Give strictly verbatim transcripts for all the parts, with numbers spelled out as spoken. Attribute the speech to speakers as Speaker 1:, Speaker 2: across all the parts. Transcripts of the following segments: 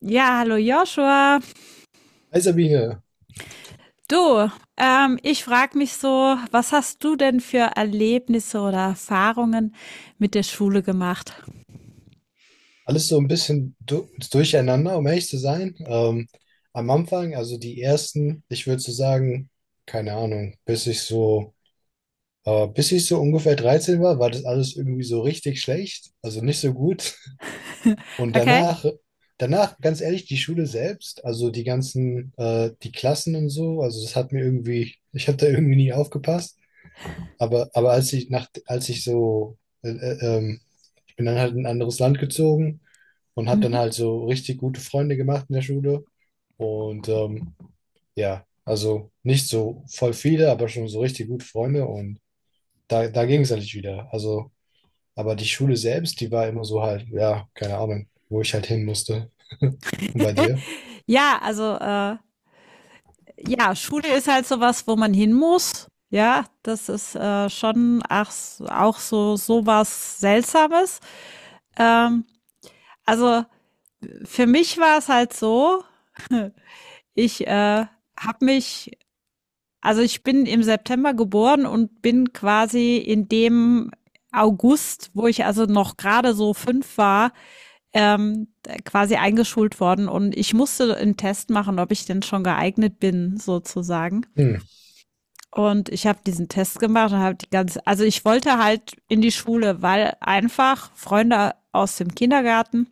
Speaker 1: Ja, hallo Joshua.
Speaker 2: Hi Sabine,
Speaker 1: Du, ähm, ich frage mich so, was hast du denn für Erlebnisse oder Erfahrungen mit der Schule gemacht?
Speaker 2: alles so ein bisschen du durcheinander, um ehrlich zu sein. Ähm, am Anfang, also die ersten, ich würde so sagen, keine Ahnung, bis ich so, äh, bis ich so ungefähr dreizehn war, war das alles irgendwie so richtig schlecht, also nicht so gut. Und
Speaker 1: Okay?
Speaker 2: danach, danach, ganz ehrlich, die Schule selbst, also die ganzen, äh, die Klassen und so, also das hat mir irgendwie, ich habe da irgendwie nie aufgepasst. Aber, aber als ich nach, als ich so, äh, äh, ähm, ich bin dann halt in ein anderes Land gezogen und habe dann
Speaker 1: Mhm.
Speaker 2: halt so richtig gute Freunde gemacht in der Schule. Und ähm, ja, also nicht so voll viele, aber schon so richtig gute Freunde. Und da, da ging es eigentlich wieder. Also, aber die Schule selbst, die war immer so halt, ja, keine Ahnung, wo ich halt hin musste. Und bei dir?
Speaker 1: Ja, also äh, ja, Schule ist halt sowas, wo man hin muss. Ja, das ist äh, schon ach, auch so sowas Seltsames. Ähm, also für mich war es halt so, ich äh, habe mich Also ich bin im September geboren und bin quasi in dem August, wo ich also noch gerade so fünf war, ähm, quasi eingeschult worden und ich musste einen Test machen, ob ich denn schon geeignet bin, sozusagen.
Speaker 2: Hm.
Speaker 1: Und ich habe diesen Test gemacht und habe die ganze, also ich wollte halt in die Schule, weil einfach Freunde aus dem Kindergarten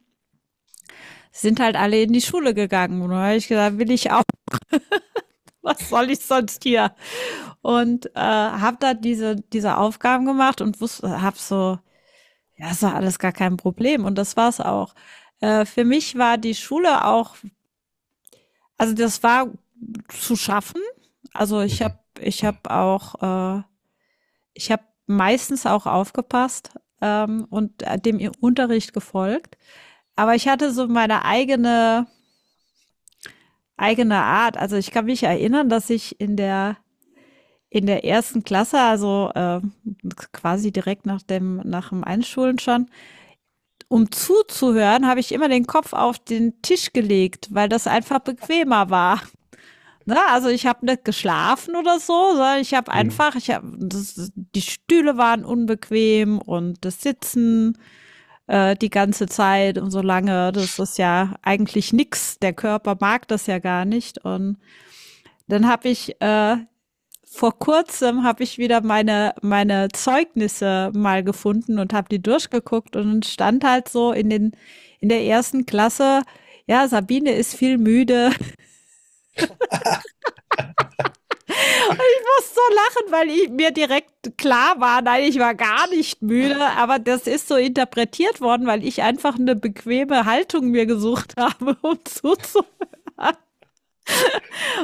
Speaker 1: sind halt alle in die Schule gegangen. Und da habe ich gesagt, will ich auch, was soll ich sonst hier? Und äh, habe da diese, diese Aufgaben gemacht und wusste, habe so, ja, das war alles gar kein Problem und das war's auch. Äh, für mich war die Schule auch, also das war zu schaffen. Also ich habe,
Speaker 2: Mhm.
Speaker 1: ich habe auch, äh, ich habe meistens auch aufgepasst, ähm, und äh, dem ihr Unterricht gefolgt. Aber ich hatte so meine eigene eigene Art. Also ich kann mich erinnern, dass ich in der in der ersten Klasse, also äh, quasi direkt nach dem, nach dem Einschulen schon, um zuzuhören, habe ich immer den Kopf auf den Tisch gelegt, weil das einfach bequemer war. Na, also ich habe nicht geschlafen oder so, sondern ich habe
Speaker 2: Hm.
Speaker 1: einfach, ich habe, das, die Stühle waren unbequem und das Sitzen äh, die ganze Zeit und so lange, das ist ja eigentlich nix. Der Körper mag das ja gar nicht. Und dann habe ich äh, vor kurzem habe ich wieder meine, meine Zeugnisse mal gefunden und habe die durchgeguckt und stand halt so in den, in der ersten Klasse, ja, Sabine ist viel müde. Ich muss so lachen, weil ich mir direkt klar war, nein, ich war gar nicht müde, aber das ist so interpretiert worden, weil ich einfach eine bequeme Haltung mir gesucht habe, um zuzuhören.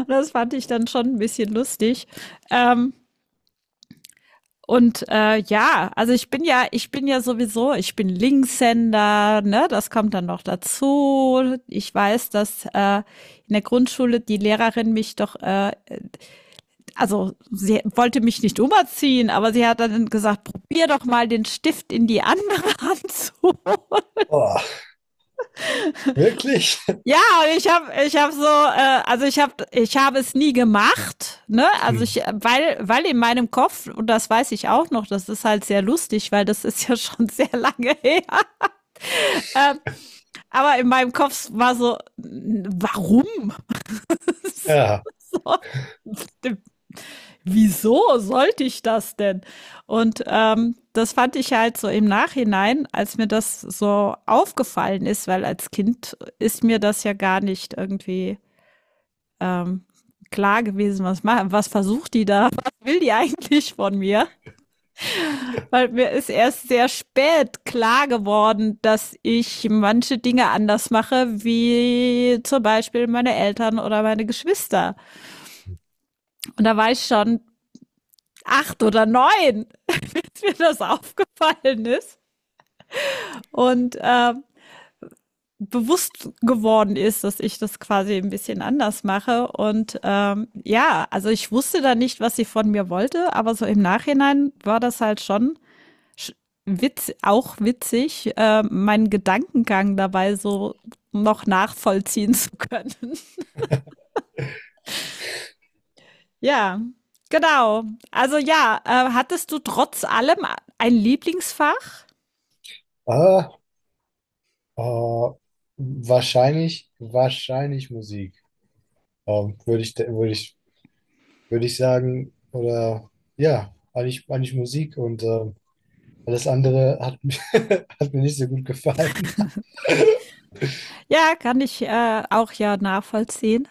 Speaker 1: Das fand ich dann schon ein bisschen lustig. Ähm, Und äh, ja, also ich bin ja, ich bin ja sowieso, ich bin Linkshänder, ne, das kommt dann noch dazu. Ich weiß, dass äh, in der Grundschule die Lehrerin mich doch, äh, also sie wollte mich nicht umerziehen, aber sie hat dann gesagt, probier doch mal den Stift in die andere Hand zu.
Speaker 2: Oh, wirklich?
Speaker 1: Ja, und ich habe ich habe so, äh, also ich habe ich habe es nie gemacht, ne? Also
Speaker 2: Hm.
Speaker 1: ich, weil, weil in meinem Kopf, und das weiß ich auch noch, das ist halt sehr lustig, weil das ist ja schon sehr lange her. Ähm, aber in meinem Kopf war so, warum?
Speaker 2: Ja.
Speaker 1: Wieso sollte ich das denn? Und ähm, das fand ich halt so im Nachhinein, als mir das so aufgefallen ist, weil als Kind ist mir das ja gar nicht irgendwie ähm, klar gewesen, was, ma- was versucht die da, was will die eigentlich von mir? Weil mir ist erst sehr spät klar geworden, dass ich manche Dinge anders mache, wie zum Beispiel meine Eltern oder meine Geschwister. Und da war ich schon acht oder neun, als mir das aufgefallen ist. Und äh, bewusst geworden ist, dass ich das quasi ein bisschen anders mache. Und ähm, ja, also ich wusste da nicht, was sie von mir wollte, aber so im Nachhinein war das halt schon witz, auch witzig, äh, meinen Gedankengang dabei so noch nachvollziehen zu können. Ja, genau. Also ja, äh, hattest du trotz allem ein Lieblingsfach?
Speaker 2: Ah. Äh, wahrscheinlich, wahrscheinlich Musik. Ähm, würde ich, würde ich, würde ich sagen, oder ja, eigentlich, eigentlich Musik und ähm, alles andere hat, mir- hat mir nicht so gut gefallen.
Speaker 1: Ja, kann ich äh, auch ja nachvollziehen.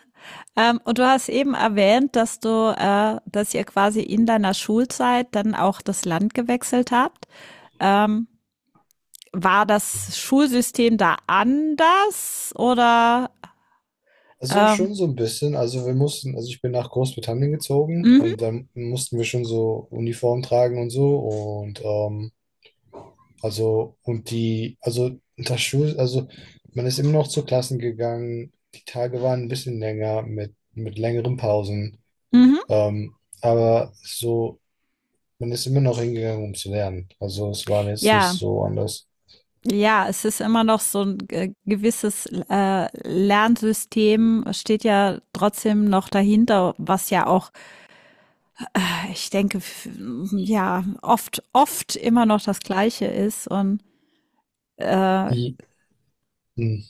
Speaker 1: Ähm, und du hast eben erwähnt, dass du, äh, dass ihr quasi in deiner Schulzeit dann auch das Land gewechselt habt. Ähm, War das Schulsystem da anders oder?
Speaker 2: Also
Speaker 1: Ähm,
Speaker 2: schon so ein bisschen. Also wir mussten, also ich bin nach Großbritannien gezogen
Speaker 1: mhm,
Speaker 2: und dann mussten wir schon so Uniform tragen und so. Und ähm, also und die, also das Schul, also man ist immer noch zu Klassen gegangen. Die Tage waren ein bisschen länger mit, mit längeren Pausen.
Speaker 1: mhm.
Speaker 2: Ähm, aber so, man ist immer noch hingegangen, um zu lernen. Also es war jetzt nicht
Speaker 1: Ja,
Speaker 2: so anders.
Speaker 1: ja, es ist immer noch so ein äh, gewisses äh, Lernsystem, steht ja trotzdem noch dahinter, was ja auch, ich denke, f- ja, oft, oft immer noch das Gleiche ist. Und äh,
Speaker 2: I- m.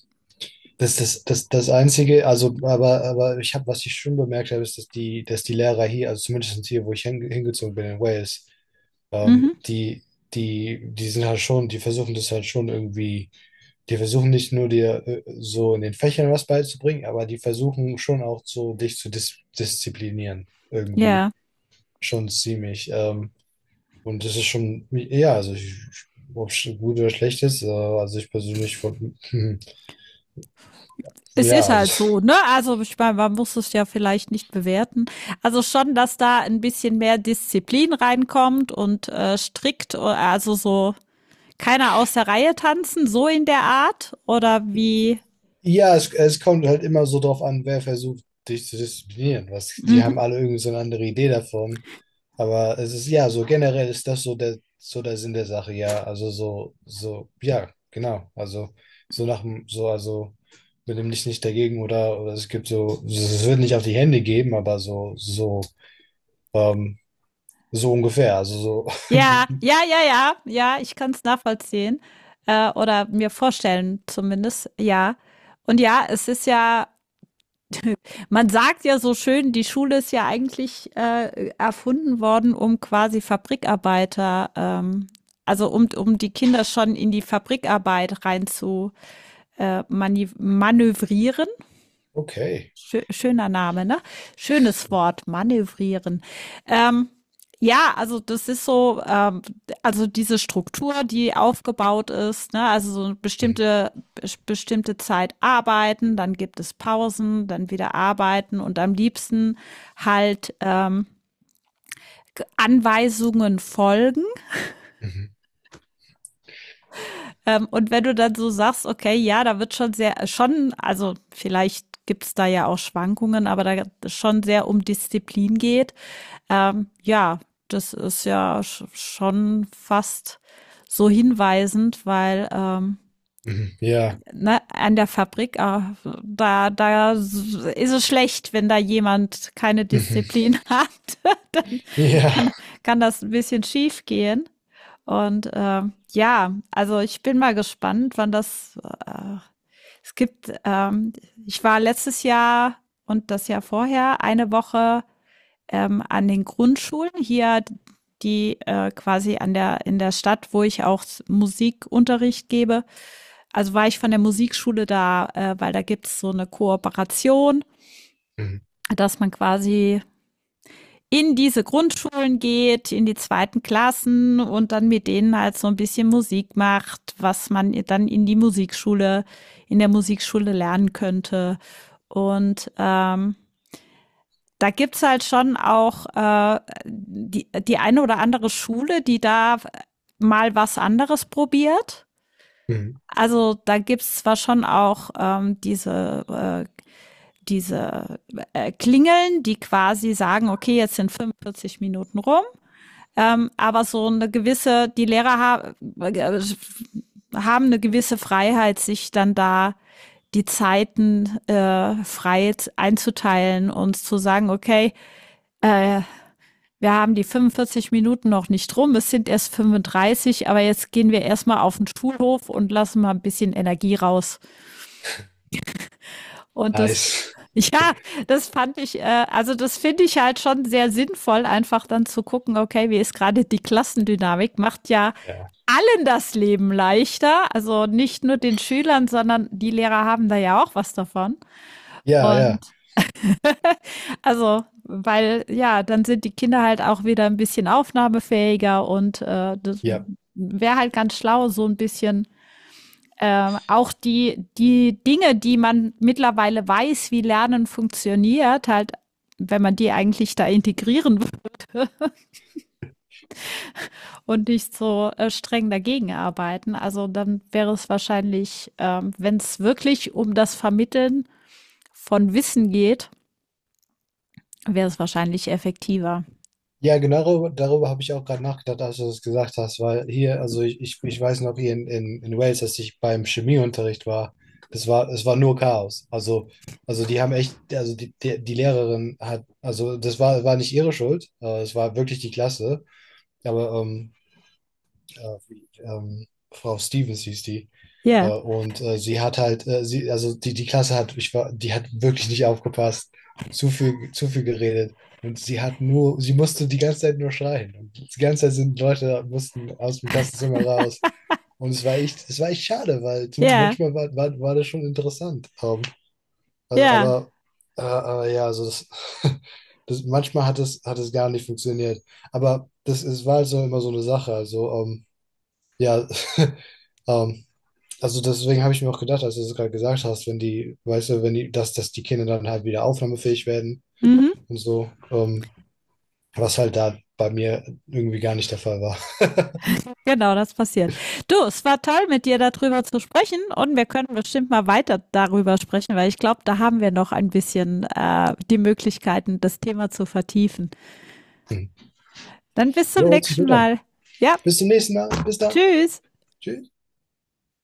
Speaker 2: Das, das, das, das Einzige, also, aber, aber ich habe, was ich schon bemerkt habe, ist, dass die, dass die Lehrer hier, also zumindest hier, wo ich hinge- hingezogen bin in Wales, ähm,
Speaker 1: mhm,
Speaker 2: die, die, die sind halt schon, die versuchen das halt schon irgendwie, die versuchen nicht nur dir äh, so in den Fächern was beizubringen, aber die versuchen schon auch so, dich zu dis disziplinieren, irgendwie.
Speaker 1: ja,
Speaker 2: Schon ziemlich. Ähm, Und das ist schon, ja, also ich, ob es gut oder schlecht ist, äh, also ich persönlich, von,
Speaker 1: es ist
Speaker 2: ja,
Speaker 1: halt
Speaker 2: also,
Speaker 1: so, ne? Also ich meine, man muss es ja vielleicht nicht bewerten. Also schon, dass da ein bisschen mehr Disziplin reinkommt und äh, strikt, o- also so keiner aus der Reihe tanzen, so in der Art oder wie?
Speaker 2: ja, es, es kommt halt immer so drauf an, wer versucht, dich zu disziplinieren. Was, die
Speaker 1: Mhm.
Speaker 2: haben alle irgendwie so eine andere Idee davon. Aber es ist, ja, so generell ist das so der, so der Sinn der Sache, ja. Also so, so, ja, genau. Also so nach dem, so, also mit dem Licht nicht dagegen oder, oder es gibt so, es wird nicht auf die Hände geben, aber so, so, ähm, so ungefähr. Also so.
Speaker 1: Ja, ja, ja, ja, ja, ich kann es nachvollziehen äh, oder mir vorstellen zumindest, ja. Und ja, es ist ja, man sagt ja so schön, die Schule ist ja eigentlich äh, erfunden worden, um quasi Fabrikarbeiter, ähm, also um, um die Kinder schon in die Fabrikarbeit rein zu äh, mani- manövrieren.
Speaker 2: Okay.
Speaker 1: Schö schöner Name, ne? Schönes Wort, manövrieren. Ähm, ja, also das ist so, ähm, also diese Struktur, die aufgebaut ist, ne, also so eine
Speaker 2: Mhm.
Speaker 1: bestimmte, bes- bestimmte Zeit arbeiten, dann gibt es Pausen, dann wieder arbeiten und am liebsten halt ähm, Anweisungen folgen.
Speaker 2: Mhm.
Speaker 1: Ähm, und wenn du dann so sagst, okay, ja, da wird schon sehr, schon, also vielleicht gibt's da ja auch Schwankungen, aber da schon sehr um Disziplin geht. Ähm, ja, das ist ja sch schon fast so hinweisend, weil ähm,
Speaker 2: Mhm. Ja.
Speaker 1: ne, an der Fabrik, äh, da, da s- ist es schlecht, wenn da jemand keine
Speaker 2: Mhm.
Speaker 1: Disziplin hat. Dann
Speaker 2: Ja.
Speaker 1: kann, kann das ein bisschen schief gehen. Und ähm, ja, also ich bin mal gespannt, wann das. Äh, es gibt, ähm, ich war letztes Jahr und das Jahr vorher eine Woche ähm, an den Grundschulen hier, die äh, quasi an der in der Stadt, wo ich auch Musikunterricht gebe. Also war ich von der Musikschule da, äh, weil da gibt es so eine Kooperation,
Speaker 2: Mhm.
Speaker 1: dass man quasi in diese Grundschulen geht, in die zweiten Klassen und dann mit denen halt so ein bisschen Musik macht, was man dann in die Musikschule, in der Musikschule lernen könnte. Und ähm, da gibt's halt schon auch äh, die, die eine oder andere Schule, die da mal was anderes probiert.
Speaker 2: Mhm.
Speaker 1: Also da gibt's zwar schon auch ähm, diese, äh, diese äh, Klingeln, die quasi sagen, okay, jetzt sind fünfundvierzig Minuten rum, ähm, aber so eine gewisse, die Lehrer ha äh, haben eine gewisse Freiheit, sich dann da die Zeiten äh, frei einzuteilen und zu sagen, okay, äh, wir haben die fünfundvierzig Minuten noch nicht rum, es sind erst fünfunddreißig, aber jetzt gehen wir erstmal auf den Schulhof und lassen mal ein bisschen Energie raus. Und das,
Speaker 2: Nice.
Speaker 1: ja, das fand ich, äh, also das finde ich halt schon sehr sinnvoll, einfach dann zu gucken, okay, wie ist gerade die Klassendynamik, macht ja
Speaker 2: Ja.
Speaker 1: allen das Leben leichter, also nicht nur den Schülern, sondern die Lehrer haben da ja auch was davon.
Speaker 2: Ja,
Speaker 1: Und
Speaker 2: ja.
Speaker 1: also, weil ja, dann sind die Kinder halt auch wieder ein bisschen aufnahmefähiger und, äh, das
Speaker 2: Ja.
Speaker 1: wäre halt ganz schlau, so ein bisschen, ähm, auch die die Dinge, die man mittlerweile weiß, wie Lernen funktioniert, halt wenn man die eigentlich da integrieren würde und nicht so, äh, streng dagegen arbeiten. Also, dann wäre es wahrscheinlich, äh, wenn es wirklich um das Vermitteln von Wissen geht, wäre es wahrscheinlich effektiver.
Speaker 2: Ja, genau darüber, darüber habe ich auch gerade nachgedacht, als du das gesagt hast, weil hier, also ich, ich, ich weiß noch hier in, in, in Wales, dass ich beim Chemieunterricht war, das war, es war nur Chaos. Also, also die haben echt, also die, die, die Lehrerin hat, also das war, war nicht ihre Schuld, äh, es war wirklich die Klasse. Aber ähm, äh, wie, ähm, Frau Stevens hieß die.
Speaker 1: Ja,
Speaker 2: Äh, und äh, sie hat halt, äh, sie, also die, die Klasse hat, ich war, die hat wirklich nicht aufgepasst, zu viel, zu viel geredet. Und sie hat nur, sie musste die ganze Zeit nur schreien. Und die ganze Zeit sind Leute, mussten aus dem Klassenzimmer raus. Und es war echt, es war echt schade, weil zum-
Speaker 1: ja,
Speaker 2: manchmal war, war, war das schon interessant. Ähm, also,
Speaker 1: ja.
Speaker 2: aber äh, aber ja, also das, das, manchmal hat es, hat es gar nicht funktioniert. Aber das, es war also immer so eine Sache. Also, ähm, ja, ähm, also deswegen habe ich mir auch gedacht, als du es gerade gesagt hast, wenn die, weißt du, wenn die, dass, dass die Kinder dann halt wieder aufnahmefähig werden
Speaker 1: Mhm,
Speaker 2: und so, ähm, was halt da bei mir irgendwie gar nicht der Fall war.
Speaker 1: genau, das passiert. Du, es war toll, mit dir darüber zu sprechen und wir können bestimmt mal weiter darüber sprechen, weil ich glaube, da haben wir noch ein bisschen äh, die Möglichkeiten, das Thema zu vertiefen. Dann bis zum
Speaker 2: Jo, hört sich
Speaker 1: nächsten
Speaker 2: gut an.
Speaker 1: Mal. Ja,
Speaker 2: Bis zum nächsten Mal. Bis dann.
Speaker 1: tschüss.
Speaker 2: Tschüss.